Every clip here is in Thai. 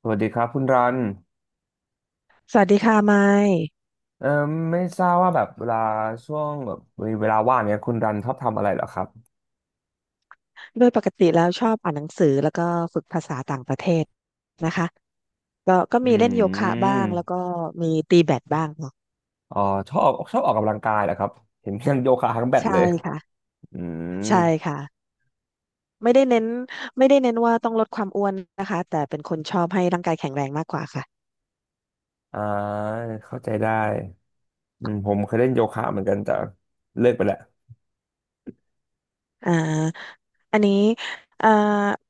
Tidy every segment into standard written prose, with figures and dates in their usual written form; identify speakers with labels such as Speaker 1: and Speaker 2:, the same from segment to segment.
Speaker 1: สวัสดีครับคุณรัน
Speaker 2: สวัสดีค่ะไมค์
Speaker 1: เอ่อไม่ทราบว่าแบบเวลาช่วงแบบมีเวลาว่างเนี้ยคุณรันชอบทำอะไรเหรอครับ
Speaker 2: โดยปกติแล้วชอบอ่านหนังสือแล้วก็ฝึกภาษาต่างประเทศนะคะก็
Speaker 1: อื
Speaker 2: มีเล่นโยคะบ้างแล้วก็
Speaker 1: ม
Speaker 2: มีตีแบดบ้างเนาะ
Speaker 1: อ๋อชอบออกกำลังกายเหรอครับ เห็นยังโยคะทั้งแบด
Speaker 2: ใช่
Speaker 1: เลย
Speaker 2: ค่ะ
Speaker 1: อืม
Speaker 2: ใช่ค่ะไม่ได้เน้นไม่ได้เน้นว่าต้องลดความอ้วนนะคะแต่เป็นค่ะ
Speaker 1: อ่าเข้าใจได้ผมเคยเล่นโยคะเหมือนกันแต่เลิกไปแล้ว
Speaker 2: อ่าอันนี้อ่า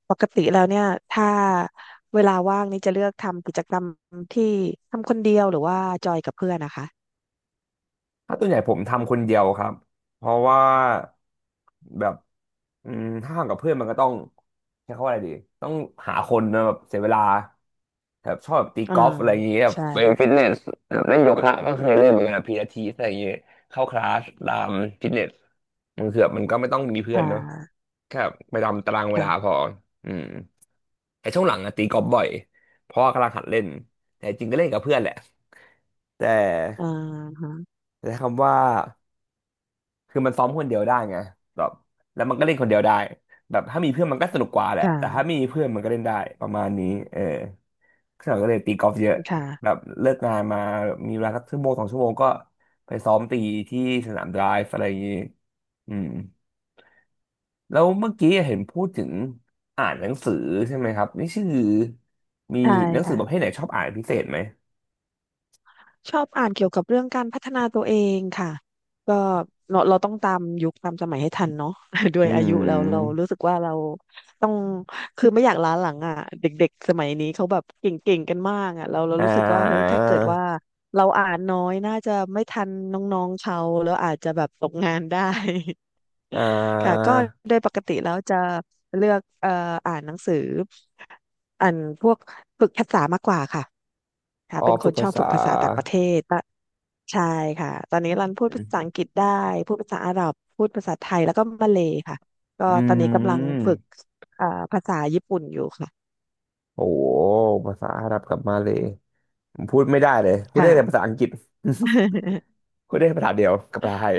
Speaker 2: ปกติแล้วเนี่ยถ้าเวลาว่างนี่จะเลือกทำกิจกรรมที่ทำคนเดียวหรือว่าจอยกับเพื่อนนะคะ
Speaker 1: ถ้าตัวใหญ่ผมทำคนเดียวครับ เพราะว่าแบบถ้าทำกับเพื่อนมันก็ต้องใช้คำว่าอะไรดีต้องหาคนนะแบบเสียเวลาแบบชอบแบบตี
Speaker 2: อ่า
Speaker 1: กอล์ฟอะไรอย่างเงี้ยแบบไป
Speaker 2: ใช่
Speaker 1: ฟิตเนสแบบเล่นโยคะก็เคยเล่นเหมือนกันพีลาทิสอะไรอย่างเงี้ยเข้าคลาสตามฟิตเนสมันคือแบบมันก็ไม่ต้องมีเพื่อ
Speaker 2: ค่
Speaker 1: นเนอะ
Speaker 2: ะ
Speaker 1: แค่ไปตามตารางเวลา
Speaker 2: ค่ะ
Speaker 1: พออืมแต่ช่วงหลังอะตีกอล์ฟบ่อยเพราะว่ากำลังหัดเล่นแต่จริงก็เล่นกับเพื่อนแหละแต่
Speaker 2: อ่าฮะ
Speaker 1: ใช้คำว่า คือมันซ้อมคนเดียวได้ไงแบบแล้วมันก็เล่นคนเดียวได้แบบถ้ามีเพื่อนมันก็สนุกกว่าแหละแต่ถ้า
Speaker 2: ค่ะ
Speaker 1: ไม่มีเพื่อนมันก็เล่นได้ประมาณนี้เออซ่งเราก็เลยตีกอล์ฟเยอะแบ
Speaker 2: ค่ะ
Speaker 1: บเลิกงานมามีเวลาสักชั่วโมงสองชั่วโมงก็ไปซ้อมตีที่สนามไดรฟ์อะไรอย่างนี้อืมแล้วเมื่อกี้เห็นพูดถึงอ่านหนังสือใช่ไหมครับนี่ชื่อมี
Speaker 2: ใช่
Speaker 1: หนังสื
Speaker 2: ค่ะ
Speaker 1: อประเภทไหนชอบอ่านเป็นพิเศษไหม
Speaker 2: ชอบอ่านเกี่ยวกับเรื่องการพัฒนาตัวเองค่ะก็เราต้องตามยุคตามสมัยให้ทันเนาะ ด้ว
Speaker 1: อื
Speaker 2: ยอายุเรา
Speaker 1: ม
Speaker 2: รู้สึกว่าเราต้องคือไม่อยากล้าหลังอ่ะเด็กๆสมัยนี้เขาแบบเก่งๆกันมากอ่ะเรา
Speaker 1: อ่
Speaker 2: รู้สึกว่าเฮ้ย
Speaker 1: า
Speaker 2: ถ้าเกิดว่าเราอ่านน้อยน่าจะไม่ทันน้องๆเขาแล้วอาจจะแบบตกงานได้
Speaker 1: อ่
Speaker 2: ค่ะ
Speaker 1: า
Speaker 2: ก็โดยปกติแล้วจะเลือกอ่านหนังสืออ่านพวกฝึกภาษามากกว่าค่ะ
Speaker 1: อา
Speaker 2: ค่ะ
Speaker 1: ออ
Speaker 2: เป็นค
Speaker 1: ฝึ
Speaker 2: น
Speaker 1: ก
Speaker 2: ช
Speaker 1: ภา
Speaker 2: อบ
Speaker 1: ษา
Speaker 2: ฝึกภาษาต่างประเทศตะใช่ค่ะตอนนี้รันพูดภาษาอังกฤษได้พูดภาษาอาหรับพูดภาษาไทยแล้วก็มาเลย์ค่ะก็
Speaker 1: อื
Speaker 2: ตอนนี้กำลังฝึ
Speaker 1: ม
Speaker 2: กเอ่อภาษาญี่ปุ่นอยู่ค่ะ
Speaker 1: โอ้โหภาษาอาหรับกับมาเลยผมพูดไม่ได้เลยพูดได้
Speaker 2: ค่ะ
Speaker 1: แต่ภาษาอังกฤษ พูดได้ภาษาเดียวกับภาษาไทย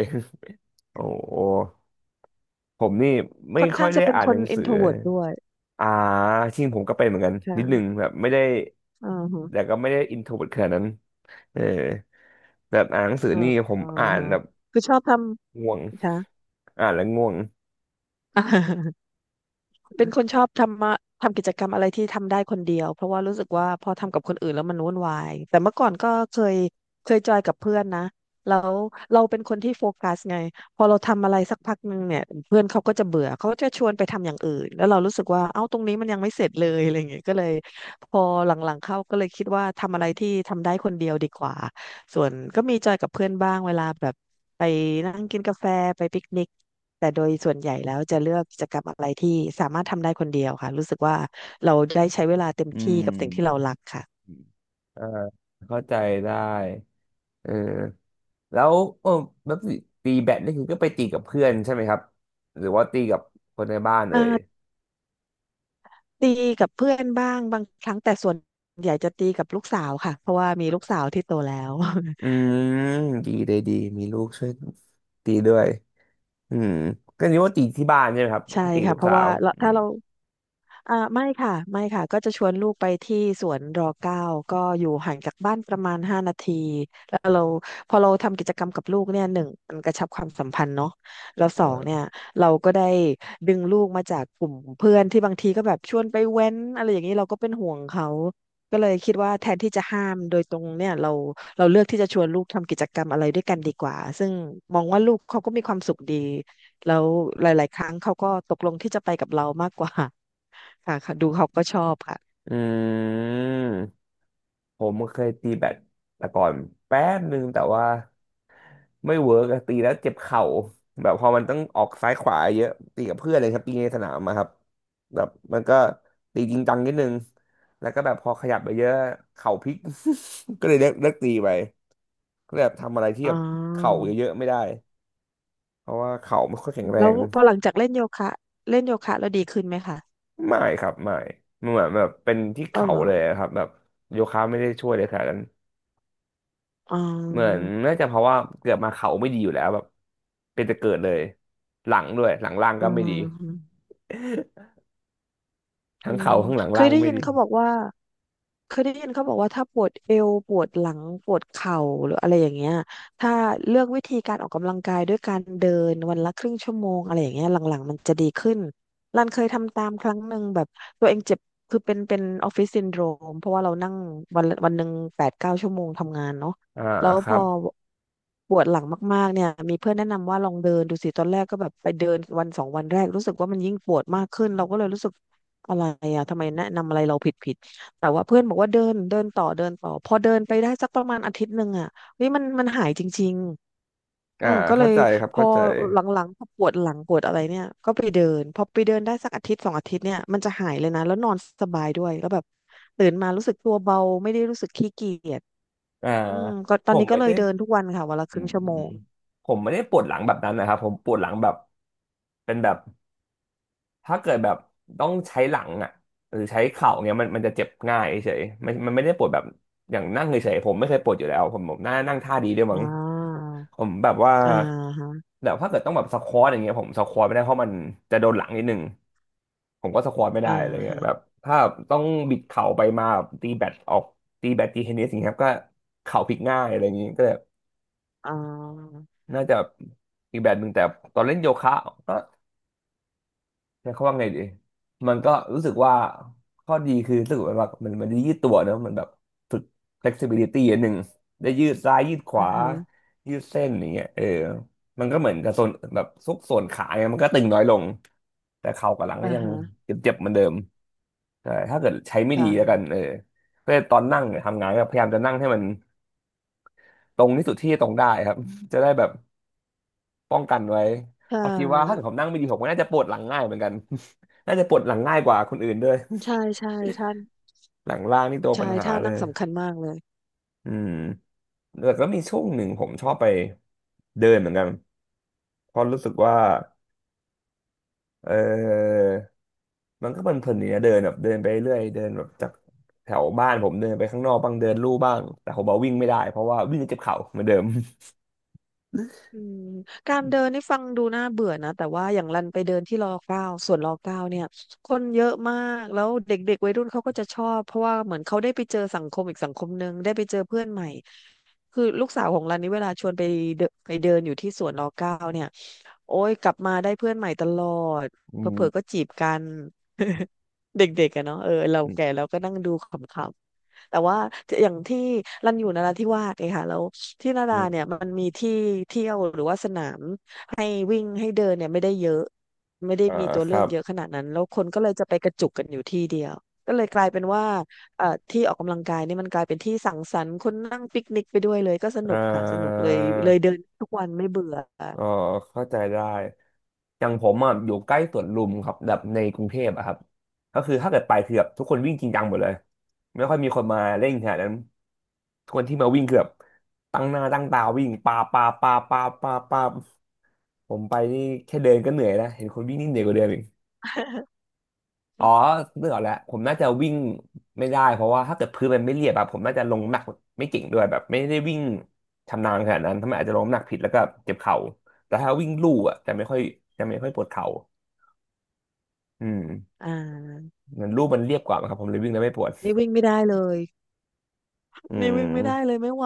Speaker 1: โอ้โหผมนี่ไม่
Speaker 2: ค่อน
Speaker 1: ค่อ
Speaker 2: ข้า
Speaker 1: ย
Speaker 2: ง
Speaker 1: ได้
Speaker 2: จะเป็น
Speaker 1: อ่าน
Speaker 2: ค
Speaker 1: หนั
Speaker 2: น
Speaker 1: งสือ
Speaker 2: introvert ด้วย
Speaker 1: อ่าจริงผมก็เป็นเหมือนกันนิดนึง
Speaker 2: ค่ะ
Speaker 1: แบบไม่ได้
Speaker 2: อ่าฮะ
Speaker 1: แต่ก็ไม่ได้อินโทรเวิร์ตขนาดนั้นเออแบบอ่านหนังสือ
Speaker 2: อ่
Speaker 1: นี่ผม
Speaker 2: า
Speaker 1: อ่าน
Speaker 2: ฮะ
Speaker 1: แบบ
Speaker 2: คือชอบท
Speaker 1: ง่วง
Speaker 2: ำค่ะ
Speaker 1: อ่านแล้วง่วง
Speaker 2: เป็นคนชอบทำมาทำกิจกรรมอะไรที่ทำได้คนเดียวเพราะว่ารู้สึกว่าพอทำกับคนอื่นแล้วมันวุ่นวายแต่เมื่อก่อนก็เคยเคยจอยกับเพื่อนนะแล้วเราเป็นคนที่โฟกัสไงพอเราทำอะไรสักพักหนึ่งเนี่ยเพื่อนเขาก็จะเบื่อเขาก็จะชวนไปทำอย่างอื่นแล้วเรารู้สึกว่าเอ้าตรงนี้มันยังไม่เสร็จเลยอะไรอย่างเงี้ยก็เลยพอหลังๆเข้าก็เลยคิดว่าทำอะไรที่ทำได้คนเดียวดีกว่า ส่วนก็มีจอยกับเพื่อนบ้างเวลาแบบไปนั่งกินกาแฟไปปิกนิกแต่โดยส่วนใหญ่แล้วจะเลือกกิจกรรมอะไรที่สามารถทำได้คนเดียวค่ะรู้สึกว่าเราได้ใช้เวลาเต็ม
Speaker 1: อื
Speaker 2: ที่กับสิ่งที่เรา
Speaker 1: ม
Speaker 2: รักค่ะ
Speaker 1: อ่าเข้าใจได้เออ แล้วเออแล้วตีแบดนี่คือก็ไปตีกับเพื่อนใช่ไหมครับหรือว่าตีกับคนในบ้าน
Speaker 2: อ่
Speaker 1: เอ่ย
Speaker 2: าตีกับเพื่อนบ้างบางครั้งแต่ส่วนใหญ่จะตีกับลูกสาวค่ะเพราะว่ามีลูกสาวที่โตแล้ว
Speaker 1: อืมดีเลยดีมีลูกช่วยตีด้วยอืมก็นึกว่าตีที่บ้านใช่ไหมครับ
Speaker 2: ใช่
Speaker 1: ถ้าตี
Speaker 2: ค่ะ
Speaker 1: ลูก
Speaker 2: เพราะ
Speaker 1: สา
Speaker 2: ว่า
Speaker 1: ว
Speaker 2: เรา
Speaker 1: อื
Speaker 2: ถ้า
Speaker 1: ม
Speaker 2: เรา อ่าไม่ค่ะไม่ค่ะก็จะชวนลูกไปที่สวนรอเก้าก็อยู่ห่างจากบ้านประมาณ5 นาทีแล้วเราพอเราทำกิจกรรมกับลูกเนี่ยหนึ่งมันกระชับความสัมพันธ์เนาะแล้วส
Speaker 1: เอ
Speaker 2: องเนี่ย
Speaker 1: อ
Speaker 2: เราก็ได้ดึงลูกมาจากกลุ่มเพื่อนที่บางทีก็แบบชวนไปเว้นอะไรอย่างนี้เราก็เป็นห่วงเขาก็เลยคิดว่าแทนที่จะห้ามโดยตรงเนี่ยเราเราเลือกที่จะชวนลูกทำกิจกรรมอะไรด้วยกันดีกว่าซึ่งมองว่าลูกเขาก็มีความสุขดีแล้วหลายๆครั้งเขาก็ตกลงที่จะไปกับเรามากกว่า ค่ะค่ะดูเขาก็ชอบค่ะ
Speaker 1: อืมผมเคยตีแบดแต่ก่อนแป๊บนึงแต่ว่า ไม่เวิร์กอะตีแล้วเจ็บเข่าแบบพอมันต้องออกซ้ายขวาเยอะตีกับเพื่อนเลยครับตีในสนามอะครับแบบมันก็ตีจริงจังนิดนึงแล้วก็แบบพอขยับไปเยอะเข่าพลิก ก็เลยเลิกตีไปก็เลยแบบทำอะไรที่
Speaker 2: อ๋อ
Speaker 1: แบบเข่าเยอะๆไม่ได้เพราะว่าเข่าไม่ค่อยแข็งแร
Speaker 2: แล้ว
Speaker 1: ง
Speaker 2: พอหลังจากเล่นโยคะเล่นโยคะแล้วดีขึ้นไหมคะ
Speaker 1: ไม่ครับไม่มันเหมือนแบบเป็นที่
Speaker 2: ก็
Speaker 1: เข่า
Speaker 2: เหรอ
Speaker 1: เลยครับแบบโยคะไม่ได้ช่วยเลยขนาดนั้น
Speaker 2: อ๋อ
Speaker 1: เหมือนน่าจะเพราะว่าเกิดมาเข่าไม่ดีอยู่แล้วแบบเป็นแต่เกิดเลยหลังด้วยหลังล่าง
Speaker 2: อื
Speaker 1: ก็ไม่ดี
Speaker 2: ม
Speaker 1: ทั้
Speaker 2: อื
Speaker 1: ง
Speaker 2: ม
Speaker 1: เข่าข้างหลัง
Speaker 2: เค
Speaker 1: ล่า
Speaker 2: ย
Speaker 1: ง
Speaker 2: ได้
Speaker 1: ไม่
Speaker 2: ยิน
Speaker 1: ดี
Speaker 2: เขาบอกว่าเคยได้ยินเขาบอกว่าถ้าปวดเอวปวดหลังปวดเข่าหรืออะไรอย่างเงี้ยถ้าเลือกวิธีการออกกำลังกายด้วยการเดินวันละครึ่งชั่วโมงอะไรอย่างเงี้ยหลังๆมันจะดีขึ้นรันเคยทำตามครั้งหนึ่งแบบตัวเองเจ็บคือเป็นออฟฟิศซินโดรมเพราะว่าเรานั่งวันละวันหนึ่ง8-9 ชั่วโมงทำงานเนาะ
Speaker 1: อ่า
Speaker 2: แล้ว
Speaker 1: ค
Speaker 2: พ
Speaker 1: รั
Speaker 2: อ
Speaker 1: บ
Speaker 2: ปวดหลังมากๆเนี่ยมีเพื่อนแนะนำว่าลองเดินดูสิตอนแรกก็แบบไปเดินวันสองวันแรกรู้สึกว่ามันยิ่งปวดมากขึ้นเราก็เลยรู้สึก อะไรอะทำไมแนะนำอะไรเราผิดผิดแต่ว่าเพื่อนบอกว่าเดินเดินต่อเดินต่อพอเดินไปได้สักประมาณอาทิตย์หนึ่งอะเฮ้ยมันหายจริงๆเออ
Speaker 1: อ่า
Speaker 2: ก็เล
Speaker 1: เข้า
Speaker 2: ย
Speaker 1: ใจครับ
Speaker 2: พอ
Speaker 1: เข้าใจ
Speaker 2: หลังๆพอปวดหลังปวดอะไรเนี่ยก็ไปเดินพอไปเดินได้สักอาทิตย์สองอาทิตย์เนี่ยมันจะหายเลยนะแล้วนอนสบายด้วยแล้วแบบตื่นมารู้สึกตัวเบาไม่ได้รู้สึกขี้เกียจ
Speaker 1: อ่า
Speaker 2: อืมก็ต
Speaker 1: ผ
Speaker 2: อน
Speaker 1: ม
Speaker 2: นี้ก็
Speaker 1: ไม่
Speaker 2: เล
Speaker 1: ได้
Speaker 2: ยเดินทุกวันค่ะวันละค
Speaker 1: อื
Speaker 2: รึ่ง
Speaker 1: ม
Speaker 2: ชั่วโมง
Speaker 1: ผมไม่ได้ปวดหลังแบบนั้นนะครับผมปวดหลังแบบเป็นแบบถ้าเกิดแบบต้องใช้หลังอ่ะหรือใช้เข่าเนี้ยมันจะเจ็บง่ายเฉยมันไม่ได้ปวดแบบอย่างนั่งเฉยๆผมไม่เคยปวดอยู่แล้วผมน่านั่งท่าดีด้วย
Speaker 2: อ่
Speaker 1: มั้ง
Speaker 2: า
Speaker 1: ผมแบบว่า
Speaker 2: อ่าฮะ
Speaker 1: แบบถ้าเกิดต้องแบบสควอตอย่างเงี้ยผมสควอตไม่ได้เพราะมันจะโดนหลังนิดนึง ผมก็สควอตไม่ได้
Speaker 2: อ่า
Speaker 1: อะไรเงี้ย
Speaker 2: ฮะ
Speaker 1: แบบถ้าต้องบิดเข่าไปมาแบบตีแบตออกตีแบตตีเทนนิสอย่างเงี้ยครับก็เข่าพลิกง่ายอะไรอย่างงี้ก็เลย
Speaker 2: อ่า
Speaker 1: น่าจะอีกแบบหนึ่งแต่ตอนเล่นโยคะก็ใช้คำว่าไงดีมันก็รู้สึกว่าข้อดีคือรู้สึกว่ามันได้ยืดตัวเนอะมันแบบฝึก flexibility อันหนึ่งได้ยืดซ้ายยืดข
Speaker 2: อ่า
Speaker 1: วา
Speaker 2: ฮะ
Speaker 1: ยืดเส้นอย่างเงี้ยเออมันก็เหมือนกับส่วนแบบซุกส่วนขาเนี่ยมันก็ตึงน้อยลงแต่เข่ากับหลังก็
Speaker 2: อ่า
Speaker 1: ยัง
Speaker 2: ฮะ
Speaker 1: เจ็บๆเหมือนเดิม ใช่ถ้าเกิดใช้ไม่ดีแล้วกัน
Speaker 2: ค่ะ
Speaker 1: เออก็ตอนนั่งเนี่ยทำงานก็พยายามจะนั่งให้มันตรงที่สุดที่จะตรงได้ครับ จะได้แบบป้องกันไว้
Speaker 2: ใช่
Speaker 1: เพราะคิดว่าถ้าเกิดผมนั่งไม่ดีผมก็น่าจะปวดหลังง่ายเหมือนกัน น่าจะปวดหลังง่ายกว่าคนอื่นด้วย
Speaker 2: ใช่ใช่ท่า
Speaker 1: หลังล่างนี่ตัวปัญ
Speaker 2: ใช่
Speaker 1: หา
Speaker 2: ท่า
Speaker 1: เล
Speaker 2: นั่ง
Speaker 1: ย
Speaker 2: สำคัญมากเลย
Speaker 1: อืมแต่ก็มีช่วงหนึ่งผมชอบไปเดินเหมือนกันเพราะรู้สึกว่าเออมันก็เพลินๆดีนะเดินแบบเดินไปเรื่อยเดินแบบจากแถวบ้านผมเดินไปข้างนอกบ้างเดินลู่บ้างแต่ผมบอกวิ่งไม่ได้เพราะว่าวิ่งจะเจ็บเข่าเหมือนเดิม
Speaker 2: อืมการเดินนี่ฟังดูน่าเบื่อนะแต่ว่าอย่างรันไปเดินที่รอเก้าสวนรอเก้าเนี่ยคนเยอะมากแล้วเด็กๆวัยรุ่นเขาก็จะชอบเพราะว่าเหมือนเขาได้ไปเจอสังคมอีกสังคมหนึ่งได้ไปเจอเพื่อนใหม่คือลูกสาวของรันนี่เวลาชวนไปเดินอยู่ที่สวนรอเก้าเนี่ยโอ้ยกลับมาได้เพื่อนใหม่ตลอด
Speaker 1: อื
Speaker 2: เผลอๆก็
Speaker 1: ม
Speaker 2: จีบกัน เด็กๆอะเนาะเออเราแก่เราก็นั่งดูขำๆแต่ว่าอย่างที่รันอยู่นราธิวาสไงค่ะแล้ว ที่นา
Speaker 1: อื
Speaker 2: ดาเนี่
Speaker 1: ม
Speaker 2: ยมันมีที่เที่ยวหรือว่าสนามให้วิ่งให้เดินเนี่ยไม่ได้เยอะไม่ได้
Speaker 1: อ่า
Speaker 2: มีตัว
Speaker 1: ค
Speaker 2: เลื
Speaker 1: รั
Speaker 2: อก
Speaker 1: บ
Speaker 2: เยอะขนาดนั้นแล้วคนก็เลยจะไปกระจุกกันอยู่ที่เดียวก็เลยกลายเป็นว่าที่ออกกำลังกายเนี่ยมันกลายเป็นที่สังสรรค์คนนั่งปิกนิกไปด้วยเลยก็ส
Speaker 1: อ่
Speaker 2: นุกค่ะสนุก
Speaker 1: า
Speaker 2: เลยเลยเดินทุกวันไม่เบื่อ
Speaker 1: อ๋อเข้าใจได้อย่างผมอ่ะอยู่ใกล้สวนลุมครับแบบในกรุงเทพอะครับก็คือถ้าเกิดไปคือแบบทุกคนวิ่งจริงจังหมดเลยไม่ค่อยมีคนมาเล่งขนาดนั้นทุกคนที่มาวิ่งคือแบบตั้งหน้าตั้งตาวิ่งปาปาปาปาปาปาผมไปนี่แค่เดินก็เหนื่อยแล้วเห็นคนวิ่งนี่เหนื่อยกว่าเดิมอีก อ๋อ นึกออกแล้วผมน่าจะวิ่งไม่ได้เพราะว่าถ้าเกิดพื้นมันไม่เรียบอะผมน่าจะลงน้ำหนักไม่เก่งด้วยแบบไม่ได้วิ่งชำนาญขนาดนั้นทำไมอาจจะลงน้ำหนักผิดแล้วก็เจ็บเข่าแต่ถ้าวิ่งลู่อะจะไม่ค่อยปวดเข่าอืม
Speaker 2: อ่า
Speaker 1: มันลู่มันเรียบกว่ามั้งครับผมเลยวิ่งแล้วไม่ปวด
Speaker 2: นี่วิ่งไม่ได้เลย
Speaker 1: อื
Speaker 2: นี่วิ่งไม่ได้เล
Speaker 1: ม
Speaker 2: ยไม่ไหว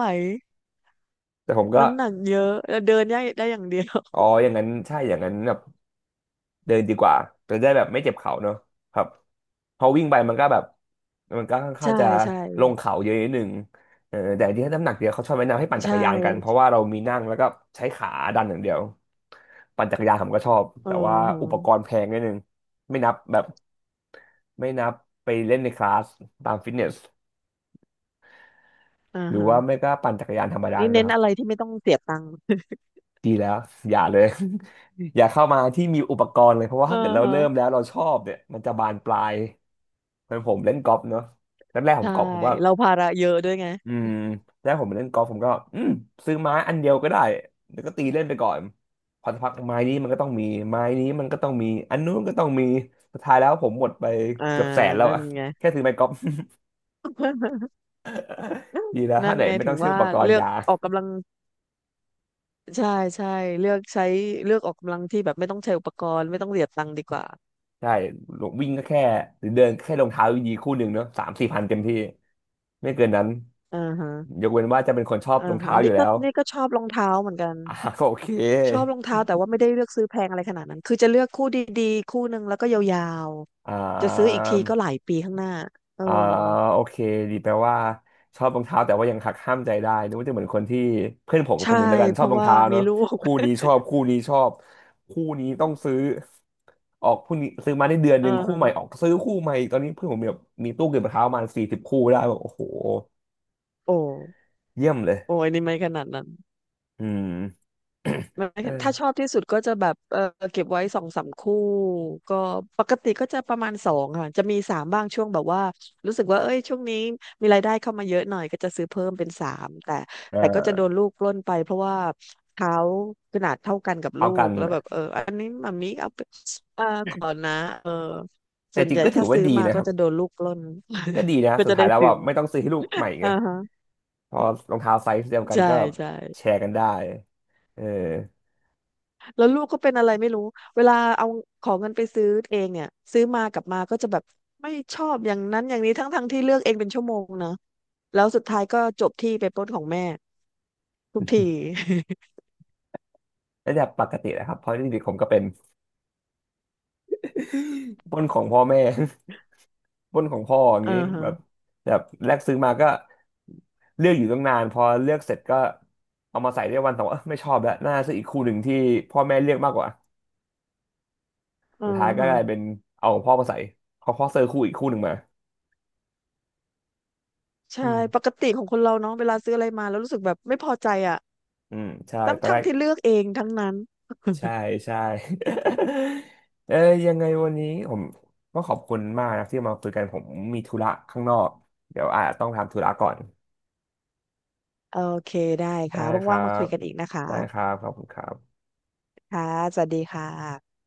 Speaker 1: แต่ผมก็
Speaker 2: น้ำหนักเยอะเดินได้ได้อย่างเดียว
Speaker 1: อ๋ออย่างนั้นใช่อย่างนั้นแบบ เดินดีกว่าจะได้แบบไม่เจ็บเข่าเนอะครับพอวิ่งไปมันก็แบบมันก็ค่อนข้าง
Speaker 2: ใช่
Speaker 1: จะ
Speaker 2: ใช่
Speaker 1: ลงเขาเยอะนิดนึงแต่ที่น้ำหนักเดียวเขาชอบแนะนำให้ปั่นจั
Speaker 2: ใช่
Speaker 1: กรยานกันเพราะว่าเรามีนั่งแล้วก็ใช้ขาดันอย่างเดียวปั่นจักรยานผมก็ชอบ
Speaker 2: อ๋อ
Speaker 1: แต่ว่าอุปกร
Speaker 2: ฮะ
Speaker 1: ณ์แพงนิดนึงไม่นับแบบไม่นับไปเล่นในคลาสตามฟิตเนส
Speaker 2: อ่า
Speaker 1: หรือ
Speaker 2: ฮะ
Speaker 1: ว่าไม่ก็ปั่นจักรยานธรรมดา
Speaker 2: นี่เน้
Speaker 1: นะ
Speaker 2: น
Speaker 1: ครั
Speaker 2: อะไร
Speaker 1: บ
Speaker 2: ที่ไม่ต้องเสียตังค์
Speaker 1: ดีแล้วอย่าเลย อย่าเข้ามาที่มีอุปกรณ์เลยเพราะว่า
Speaker 2: เออ
Speaker 1: ถ้าเกิดเรา
Speaker 2: ฮะ
Speaker 1: เริ่มแล้วเราชอบเนี่ยมันจะบานปลาย เพื่อนผมเล่นกอล์ฟเนาะแรกๆผม
Speaker 2: ใช่
Speaker 1: กอล์ฟผมว่า
Speaker 2: เราภาระเยอะด้วยไง
Speaker 1: อืมแรกผมเล่นกอล์ฟผมก็ซื้อไม้อันเดียวก็ได้แล้วก็ตีเล่นไปก่อนพอสักพักไม้นี้มันก็ต้องมีไม้นี้มันก็ต้องมีอันนู้นก็ต้องมีสุดท้ายแล้วผมหมดไป
Speaker 2: อ่า
Speaker 1: เกือบแสนแล้ว
Speaker 2: นั่น
Speaker 1: อะ
Speaker 2: ไง
Speaker 1: แค่ซื้อไม้กอล์ฟ
Speaker 2: นั่
Speaker 1: ดีแล้วถ้า
Speaker 2: น
Speaker 1: ไหน
Speaker 2: ไง
Speaker 1: ไม่
Speaker 2: ถึ
Speaker 1: ต้อ
Speaker 2: ง
Speaker 1: งซื้อ
Speaker 2: ว่า
Speaker 1: อุปกร
Speaker 2: เลื
Speaker 1: ณ์
Speaker 2: อก
Speaker 1: ยา
Speaker 2: ออกกำลัง ใช่ใช่เลือกใช้เลือกออกกำลังที่แบบไม่ต้องใช้อุปกรณ์ไม่ต้องเสียตังค์ดีกว่า
Speaker 1: ใช่ลงวิ่งก็แค่หรือเดินแค่รองเท้าดีๆคู่หนึ่งเนาะสามสี่พันเต็มที่ไม่เกินนั้น
Speaker 2: อ่าฮะ
Speaker 1: ยกเว้นว่าจะเป็นคนชอบ
Speaker 2: อ่า
Speaker 1: รอง
Speaker 2: ฮะ
Speaker 1: เท้าอ
Speaker 2: นี่
Speaker 1: ยู่แล้
Speaker 2: ก็
Speaker 1: ว
Speaker 2: นี่ก็ชอบรองเท้าเหมือนกัน
Speaker 1: ก็โอเค
Speaker 2: ชอบรองเท้าแต่ว่าไม่ได้เลือกซื้อแพงอะไรขนาดนั้นคือจะเลือกคู่ดีๆคู่หนึ่งแล้วก็ยาว
Speaker 1: อ่
Speaker 2: ๆจะซื้ออีกทีก็ห
Speaker 1: า
Speaker 2: ลายปีข้างหน้าเออ
Speaker 1: อ่าโอเคดีแปลว่าชอบรองเท้าแต่ว่ายังหักห้ามใจได้นึกว่าจะเหมือนคนที่เพื่อนผมค
Speaker 2: ใช่
Speaker 1: นหนึ่งแล้วกัน
Speaker 2: เพ
Speaker 1: ชอบ
Speaker 2: ราะ
Speaker 1: รอง
Speaker 2: ว่า
Speaker 1: เท้าเน
Speaker 2: มี
Speaker 1: อะ
Speaker 2: ลูก
Speaker 1: คู่นี้ ชอบคู่นี้ชอบคู่นี้ต้องซื้อออกคู่นี้ซื้อมาได้เดือนห
Speaker 2: อ่า
Speaker 1: นึ่งคู่
Speaker 2: ฮะ
Speaker 1: ใหม่ออกซื้อคู่ใหม่ตอนนี้เพื่อนผมมีแบบมีตู้เก็บรองเท้าประมาณสี่สิบคู่ได้แบบโอ้โห
Speaker 2: โอ้
Speaker 1: เยี่ยมเลย
Speaker 2: โอ้ยนี่ไม่ขนาดนั้น
Speaker 1: อืม
Speaker 2: ไม่ ถ้าชอ
Speaker 1: เออ
Speaker 2: บที่สุดก็จะแบบเออเก็บไว้สองสามคู่ ก็ปกติก็จะประมาณสองค่ะ จะมีสามบ้างช่วงแบบว่า รู้สึกว่าเอ้ยช่วงนี้มีรายได้เข้ามาเยอะหน่อยก็จะซื้อเพิ่มเป็นสามแต่แต่ก็จะ
Speaker 1: เออ
Speaker 2: โดนลูกปล้นไปเพราะว่าเขาขนาดเท่ากันกับลู
Speaker 1: เอากั
Speaker 2: ก
Speaker 1: น
Speaker 2: แล้วแบ
Speaker 1: นะ
Speaker 2: บเอออันนี้มัมมี่เอาไปเอ่าขอนะเออ
Speaker 1: แต่
Speaker 2: ส่วน
Speaker 1: จริ
Speaker 2: ให
Speaker 1: ง
Speaker 2: ญ่
Speaker 1: ก็ถื
Speaker 2: ถ้า
Speaker 1: อว่า
Speaker 2: ซื้อ
Speaker 1: ดี
Speaker 2: มา
Speaker 1: นะค
Speaker 2: ก็
Speaker 1: รับ
Speaker 2: จะโดนลูกปล้น
Speaker 1: ก็ดี นะ
Speaker 2: ก็
Speaker 1: สุด
Speaker 2: จะ
Speaker 1: ท้า
Speaker 2: ได้
Speaker 1: ยแล้ว
Speaker 2: ซื้
Speaker 1: แบ
Speaker 2: อ
Speaker 1: บ
Speaker 2: มา
Speaker 1: ไม่ต้องซื้อให้ลูกใหม่ไง
Speaker 2: อ่าฮะ
Speaker 1: พอรองเท้าไซส์เดียวกัน
Speaker 2: ใช่
Speaker 1: ก็
Speaker 2: ใช่
Speaker 1: แชร์กันได้เออ
Speaker 2: แล้วลูกก็เป็นอะไรไม่รู้ เวลาเอาขอเงินไปซื้อเองเนี่ยซื้อมากลับมาก็จะแบบไม่ชอบอย่างนั้นอย่างนี้ทั้งที่เลือกเองเป็นชั่วโมงนะแล้วสุดท้ายก็จบที่ไปปล้นของแม่ทุกที
Speaker 1: ระดับปกตินะครับเพราะจริงๆผมก็เป็นปล้นของพ่อแม่ ปล้นของพ่ออย่าง
Speaker 2: อ่า
Speaker 1: นี้
Speaker 2: ฮะ
Speaker 1: แบบแบบแรกซื้อมาก็เลือกอยู่ตั้งนานพอเลือกเสร็จก็เอามาใส่ได้วันสองวันเอ้อไม่ชอบแล้วน่าซื้ออีกคู่หนึ่งที่พ่อแม่เลือกมากกว่า
Speaker 2: อ่า
Speaker 1: สุดท้ายก็
Speaker 2: ฮะ
Speaker 1: กลายเป็นเอาของพ่อมาใส่เขาพ่อซื้อคู่อีกคู่หนึ่งมา
Speaker 2: ใช่
Speaker 1: อื
Speaker 2: ป
Speaker 1: ม
Speaker 2: กติของคนเราเนาะเวลาซื้ออะไรมาแล้วรู้สึกแบบไม่พอใจอ่ะ
Speaker 1: อืมใช่
Speaker 2: ทั้ง
Speaker 1: ตอน
Speaker 2: ทั้
Speaker 1: แร
Speaker 2: ง
Speaker 1: ก
Speaker 2: ที่เลือกเองทั้งนั้น
Speaker 1: ใช่ ใช่ เอ้ยยังไงวันนี้ผมก็ขอบคุณมากนะที่มาคุยกันผมมีธุระข้างนอกเดี๋ยวอาจจะต้องทำธุระก่อน
Speaker 2: โอเคได้
Speaker 1: ได้
Speaker 2: ค่ะ
Speaker 1: ค
Speaker 2: ว่า
Speaker 1: รั
Speaker 2: งๆมาคุ
Speaker 1: บ
Speaker 2: ยกันอีกนะ
Speaker 1: ได้ค
Speaker 2: คะ
Speaker 1: รับขอบคุณครับ
Speaker 2: ค่ะสวัสดีค่ะ